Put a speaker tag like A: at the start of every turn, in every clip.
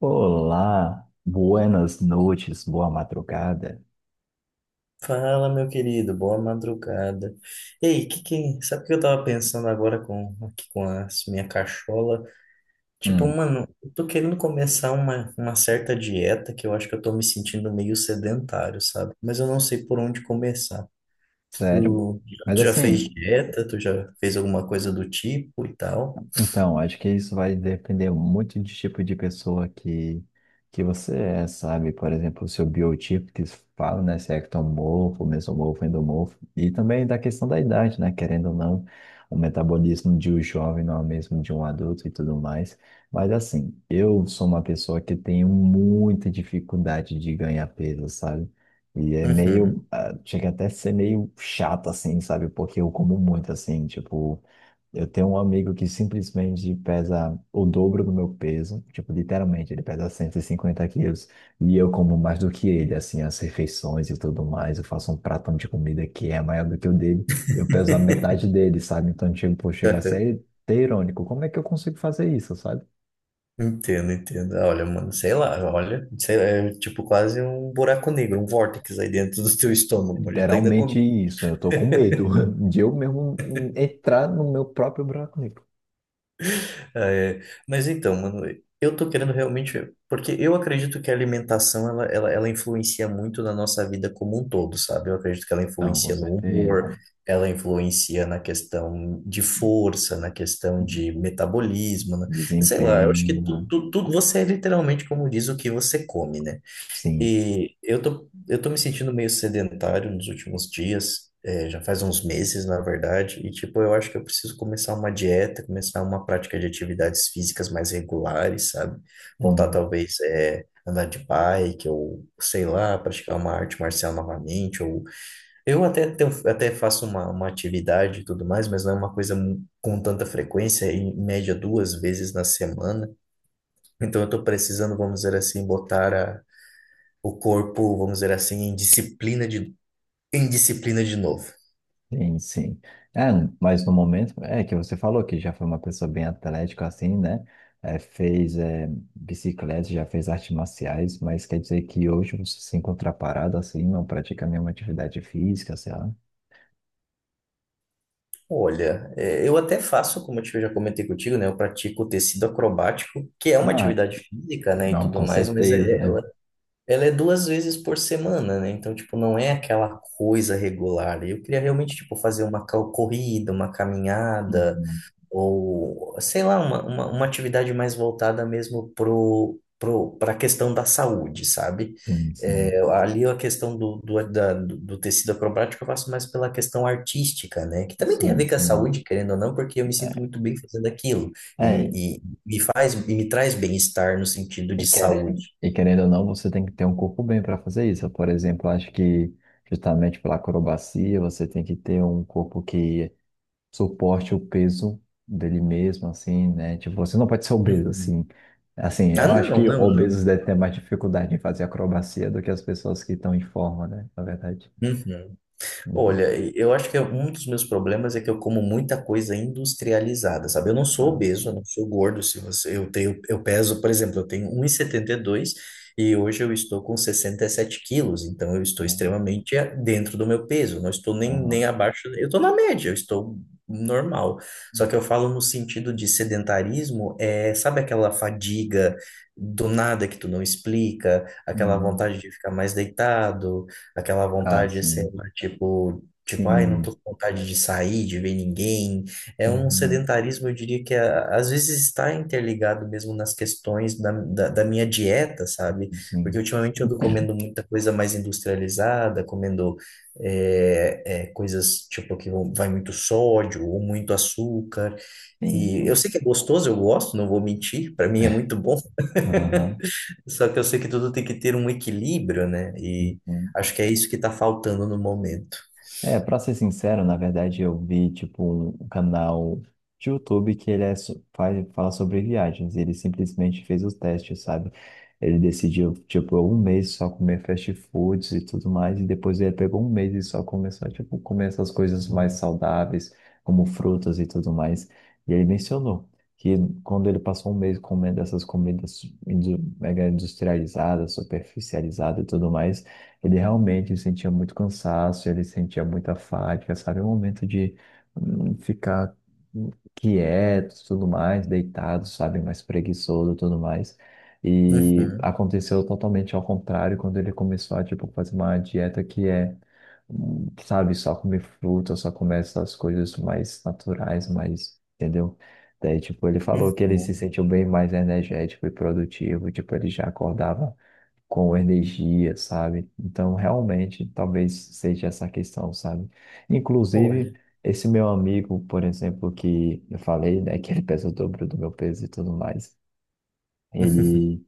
A: Olá, buenas noites, boa madrugada.
B: Fala, meu querido, boa madrugada. Ei, que, sabe o que eu tava pensando agora com aqui com a minha cachola? Tipo,
A: Hum.
B: mano, eu tô querendo começar uma certa dieta que eu acho que eu tô me sentindo meio sedentário, sabe? Mas eu não sei por onde começar.
A: Sério?
B: Tu,
A: Mas
B: tu já fez
A: assim,
B: dieta? Tu já fez alguma coisa do tipo e tal?
A: então, acho que isso vai depender muito de tipo de pessoa que você é, sabe? Por exemplo, o seu biotipo que se fala, né? Se é ectomorfo, mesomorfo, endomorfo. E também da questão da idade, né? Querendo ou não, o metabolismo de um jovem não é o mesmo de um adulto e tudo mais. Mas assim, eu sou uma pessoa que tenho muita dificuldade de ganhar peso, sabe? E é meio,
B: Uhum.
A: ah, chega até a ser meio chato, assim, sabe? Porque eu como muito, assim, tipo. Eu tenho um amigo que simplesmente pesa o dobro do meu peso, tipo, literalmente, ele pesa 150 quilos, e eu como mais do que ele, assim, as refeições e tudo mais, eu faço um pratão de comida que é maior do que o dele, eu peso a metade dele, sabe? Então, tipo, chega a ser até irônico, como é que eu consigo fazer isso, sabe?
B: Entendo, entendo. Ah, olha, mano, sei lá, olha, sei lá, é tipo quase um buraco negro, um vórtice aí dentro do teu estômago, onde tá ainda
A: Literalmente
B: comida.
A: isso, eu tô com medo de eu mesmo entrar no meu próprio buraco negro.
B: Ah, é. Mas então, mano, eu tô querendo realmente, porque eu acredito que a alimentação ela influencia muito na nossa vida como um todo, sabe? Eu acredito que ela
A: Não, com
B: influencia no
A: certeza.
B: humor, ela influencia na questão de força, na questão de metabolismo, né? Sei lá, eu acho
A: Desempenho,
B: que
A: né?
B: você é literalmente como diz o que você come, né?
A: Sim.
B: E eu tô me sentindo meio sedentário nos últimos dias, é, já faz uns meses, na verdade, e tipo, eu acho que eu preciso começar uma dieta, começar uma prática de atividades físicas mais regulares, sabe? Voltar
A: Uhum.
B: talvez é, andar de bike, ou sei lá, praticar uma arte marcial novamente, ou eu até, até faço uma atividade e tudo mais, mas não é uma coisa com tanta frequência, em média duas vezes na semana. Então eu tô precisando, vamos dizer assim, botar a o corpo, vamos dizer assim, em disciplina de novo.
A: Sim, sim. É, mas no momento, é que você falou que já foi uma pessoa bem atlética, assim, né? É, fez bicicleta, já fez artes marciais, mas quer dizer que hoje você se encontra parado, assim, não pratica nenhuma atividade física, sei lá.
B: Olha, é, eu até faço, como eu já comentei contigo, né? Eu pratico tecido acrobático, que é uma
A: Ah,
B: atividade física, né, e
A: não,
B: tudo
A: com
B: mais,
A: certeza. Né?
B: ela é duas vezes por semana, né? Então, tipo, não é aquela coisa regular. Eu queria realmente, tipo, fazer corrida, uma caminhada,
A: Hum.
B: ou sei lá, uma atividade mais voltada mesmo para a questão da saúde, sabe?
A: Sim,
B: É,
A: sim.
B: ali a questão do, do, da- do do tecido acrobático eu faço mais pela questão artística, né? Que também tem a
A: Sim,
B: ver com a
A: sim.
B: saúde, querendo ou não, porque eu me sinto
A: É,
B: muito bem fazendo aquilo
A: é,
B: e, e me faz e me traz bem-estar no sentido
A: e
B: de
A: querendo,
B: saúde.
A: e querendo ou não, você tem que ter um corpo bem para fazer isso. Por exemplo, acho que justamente pela acrobacia, você tem que ter um corpo que suporte o peso dele mesmo, assim, né? Tipo, você não pode ser obeso,
B: Uhum.
A: assim. Assim,
B: Ah,
A: eu
B: não,
A: acho que
B: não,
A: obesos
B: não.
A: devem ter mais dificuldade em fazer acrobacia do que as pessoas que estão em forma, né? Na verdade.
B: Uhum.
A: Uhum.
B: Olha, eu acho que é um dos meus problemas é que eu como muita coisa industrializada, sabe? Eu não sou
A: Ah,
B: obeso, eu
A: sim.
B: não sou gordo. Se você, eu tenho, eu peso, por exemplo, eu tenho um e setenta e dois e hoje eu estou com 67 quilos, então eu estou
A: Uhum.
B: extremamente dentro do meu peso. Não estou nem
A: Aham.
B: abaixo, eu estou na média, eu estou normal. Só que eu falo no sentido de sedentarismo, é, sabe aquela fadiga do nada que tu não explica, aquela
A: Uhum.
B: vontade de ficar mais deitado. Aquela
A: Ah,
B: vontade, sei
A: sim.
B: lá, tipo, ai, não
A: Sim.
B: tô com vontade de sair, de ver ninguém. É um
A: Uhum.
B: sedentarismo, eu diria que às vezes está interligado mesmo nas questões da minha dieta, sabe? Porque
A: Sim.
B: ultimamente eu ando comendo muita coisa mais industrializada, comendo coisas tipo vai muito sódio ou muito açúcar.
A: Sim,
B: E eu
A: sim.
B: sei que é gostoso, eu gosto, não vou mentir, para mim é muito bom.
A: Aham.
B: Só que eu sei que tudo tem que ter um equilíbrio, né? E
A: Uhum.
B: acho que é isso que tá faltando no momento.
A: É, pra ser sincero, na verdade eu vi, tipo, um canal de YouTube que ele é, fala sobre viagens. E ele simplesmente fez os testes, sabe? Ele decidiu, tipo, um mês só comer fast foods e tudo mais, e depois ele pegou um mês e só começou, tipo, comer essas coisas mais saudáveis, como frutas e tudo mais. E ele mencionou que quando ele passou um mês comendo essas comidas mega industrializadas, superficializadas e tudo mais, ele realmente sentia muito cansaço, ele sentia muita fadiga, sabe? O momento de ficar quieto, tudo mais, deitado, sabe? Mais preguiçoso, tudo mais. E
B: Uhum,
A: aconteceu totalmente ao contrário quando ele começou a, tipo, fazer uma dieta que é, sabe, só comer fruta, só comer essas coisas mais naturais, mais, entendeu? Daí, tipo, ele falou que ele se
B: uhum.
A: sentiu bem mais energético e produtivo, tipo, ele já acordava com energia, sabe? Então, realmente, talvez seja essa questão, sabe? Inclusive,
B: Olha.
A: esse meu amigo, por exemplo, que eu falei, né, que ele pesa o dobro do meu peso e tudo mais, ele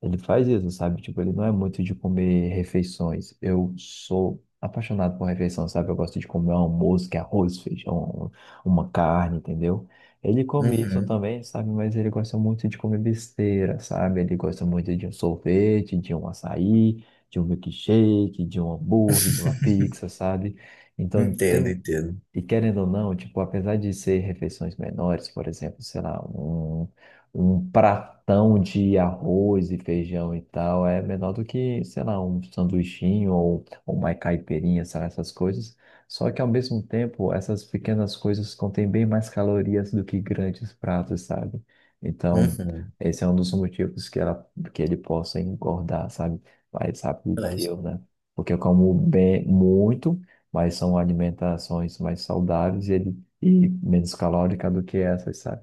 A: ele faz isso, sabe? Tipo, ele não é muito de comer refeições. Eu sou apaixonado por refeição, sabe? Eu gosto de comer um almoço, que é arroz, feijão, uma carne, entendeu? Ele come isso
B: Uhum.
A: também, sabe? Mas ele gosta muito de comer besteira, sabe? Ele gosta muito de um sorvete, de um açaí, de um milkshake, de um hambúrguer, de uma pizza, sabe? Então,
B: Entendo,
A: tem
B: entendo.
A: e querendo ou não, tipo, apesar de ser refeições menores, por exemplo, sei lá, um pratão de arroz e feijão e tal, é menor do que, sei lá, um sanduichinho ou uma caipirinha, sabe, essas coisas. Só que ao mesmo tempo, essas pequenas coisas contêm bem mais calorias do que grandes pratos, sabe? Então,
B: Uhum.
A: esse é um dos motivos que ele possa engordar, sabe? Mais rápido que
B: Mas,
A: eu, né? Porque eu como bem muito mas são alimentações mais saudáveis e menos calórica do que essas, sabe?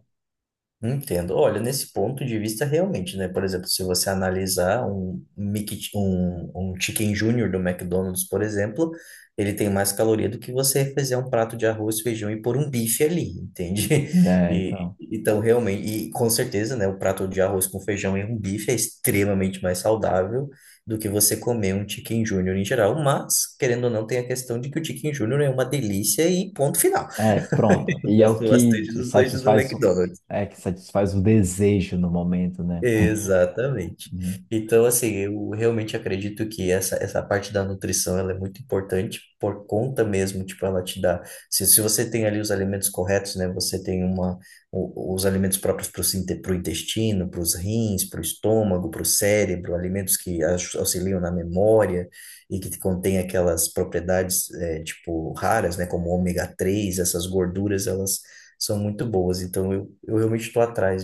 B: Entendo. Olha, nesse ponto de vista, realmente, né? Por exemplo, se você analisar um Chicken Junior do McDonald's, por exemplo, ele tem mais caloria do que você fazer um prato de arroz, feijão e pôr um bife ali, entende?
A: Né?
B: E,
A: Então,
B: então, realmente, e com certeza, né? O prato de arroz com feijão e um bife é extremamente mais saudável do que você comer um Chicken Junior em geral, mas, querendo ou não, tem a questão de que o Chicken Junior é uma delícia e ponto final.
A: é, pronto.
B: Eu
A: E é o
B: gosto
A: que
B: bastante
A: te
B: dos lanches do
A: satisfaz,
B: McDonald's.
A: é que satisfaz o desejo no momento, né?
B: Exatamente.
A: Uhum.
B: Então, assim, eu realmente acredito que essa parte da nutrição ela é muito importante por conta mesmo, tipo, ela te dá. Se você tem ali os alimentos corretos, né? Você tem os alimentos próprios para o intestino, para os rins, para o estômago, para o cérebro, alimentos que auxiliam na memória e que contém aquelas propriedades, é, tipo, raras, né? Como ômega 3 essas gorduras, elas são muito boas. Então, eu realmente estou atrás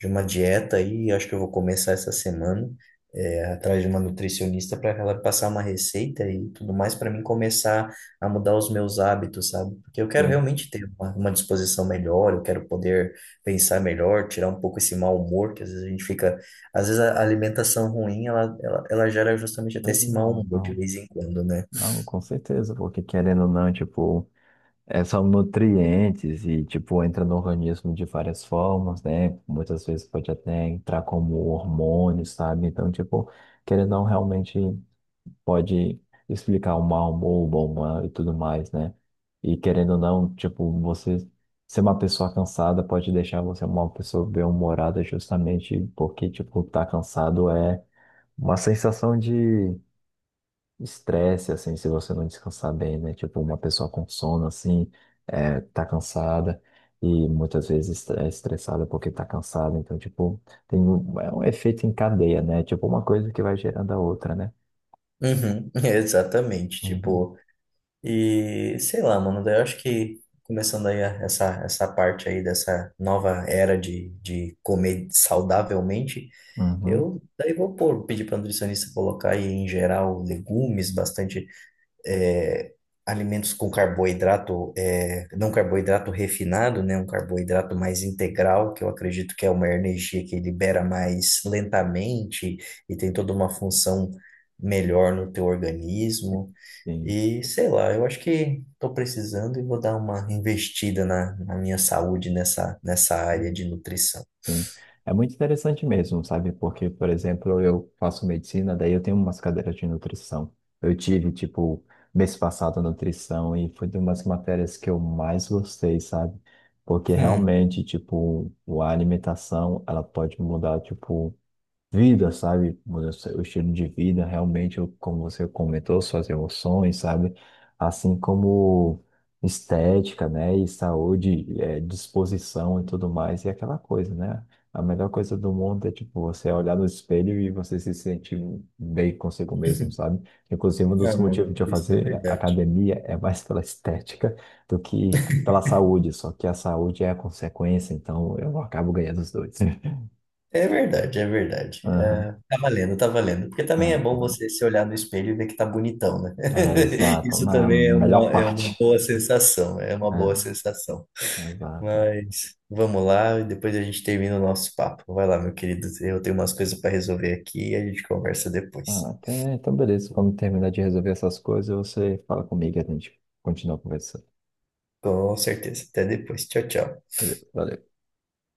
B: de uma dieta aí, acho que eu vou começar essa semana, é, atrás de uma nutricionista para ela passar uma receita e tudo mais para mim começar a mudar os meus hábitos, sabe? Porque eu quero
A: Sim.
B: realmente ter uma disposição melhor, eu quero poder pensar melhor, tirar um pouco esse mau humor que às vezes a gente fica, às vezes a alimentação ruim, ela gera justamente até esse mau
A: Legal,
B: humor de
A: então,
B: vez em quando, né?
A: não, com certeza, porque querendo ou não, tipo, são nutrientes e, tipo, entra no organismo de várias formas, né? Muitas vezes pode até entrar como hormônio, sabe? Então, tipo, querendo ou não, realmente, pode explicar o mal, o bom humor e tudo mais, né? E querendo ou não, tipo, você ser uma pessoa cansada pode deixar você uma pessoa bem-humorada justamente porque, tipo, tá cansado é uma sensação de estresse, assim, se você não descansar bem, né? Tipo, uma pessoa com sono, assim, tá cansada. E muitas vezes é estressada porque tá cansada. Então, tipo, é um efeito em cadeia, né? Tipo, uma coisa que vai gerando a outra, né?
B: Uhum, exatamente,
A: Uhum,
B: tipo. E sei lá, mano, daí eu acho que começando aí essa parte aí dessa nova era de comer saudavelmente,
A: uhum.
B: eu daí vou pôr, pedir para nutricionista colocar aí em geral legumes, bastante é, alimentos com carboidrato, não carboidrato refinado, né, um carboidrato mais integral, que eu acredito que é uma energia que libera mais lentamente e tem toda uma função melhor no teu organismo.
A: Sim,
B: E sei lá, eu acho que estou precisando e vou dar uma investida na minha saúde nessa área
A: Uhum.
B: de nutrição.
A: Sim. É muito interessante mesmo, sabe? Porque, por exemplo, eu faço medicina, daí eu tenho umas cadeiras de nutrição. Eu tive, tipo, mês passado nutrição e foi de umas matérias que eu mais gostei, sabe? Porque
B: Hum.
A: realmente, tipo, a alimentação, ela pode mudar, tipo, vida, sabe? Muda o estilo de vida, realmente, como você comentou, suas emoções, sabe? Assim como estética, né? E saúde, disposição e tudo mais, e aquela coisa, né? A melhor coisa do mundo é, tipo, você olhar no espelho e você se sentir bem consigo mesmo, sabe? Inclusive, um dos
B: Ah,
A: motivos de
B: mano,
A: eu
B: isso é
A: fazer
B: verdade.
A: academia é mais pela estética do que pela saúde, só que a saúde é a consequência, então eu acabo ganhando os dois.
B: É verdade, é verdade. É,
A: Aham.
B: tá valendo, tá valendo. Porque
A: É,
B: também é
A: é
B: bom você se olhar no espelho e ver que tá bonitão, né?
A: É, exato,
B: Isso
A: na
B: também é
A: melhor
B: é uma
A: parte.
B: boa sensação, é uma boa sensação.
A: É, exato.
B: Mas vamos lá, e depois a gente termina o nosso papo. Vai lá, meu querido. Eu tenho umas coisas para resolver aqui e a gente conversa
A: Ah,
B: depois.
A: até, então, beleza. Quando terminar de resolver essas coisas, você fala comigo e a gente continua conversando.
B: Com certeza. Até depois. Tchau, tchau.
A: Beleza, valeu.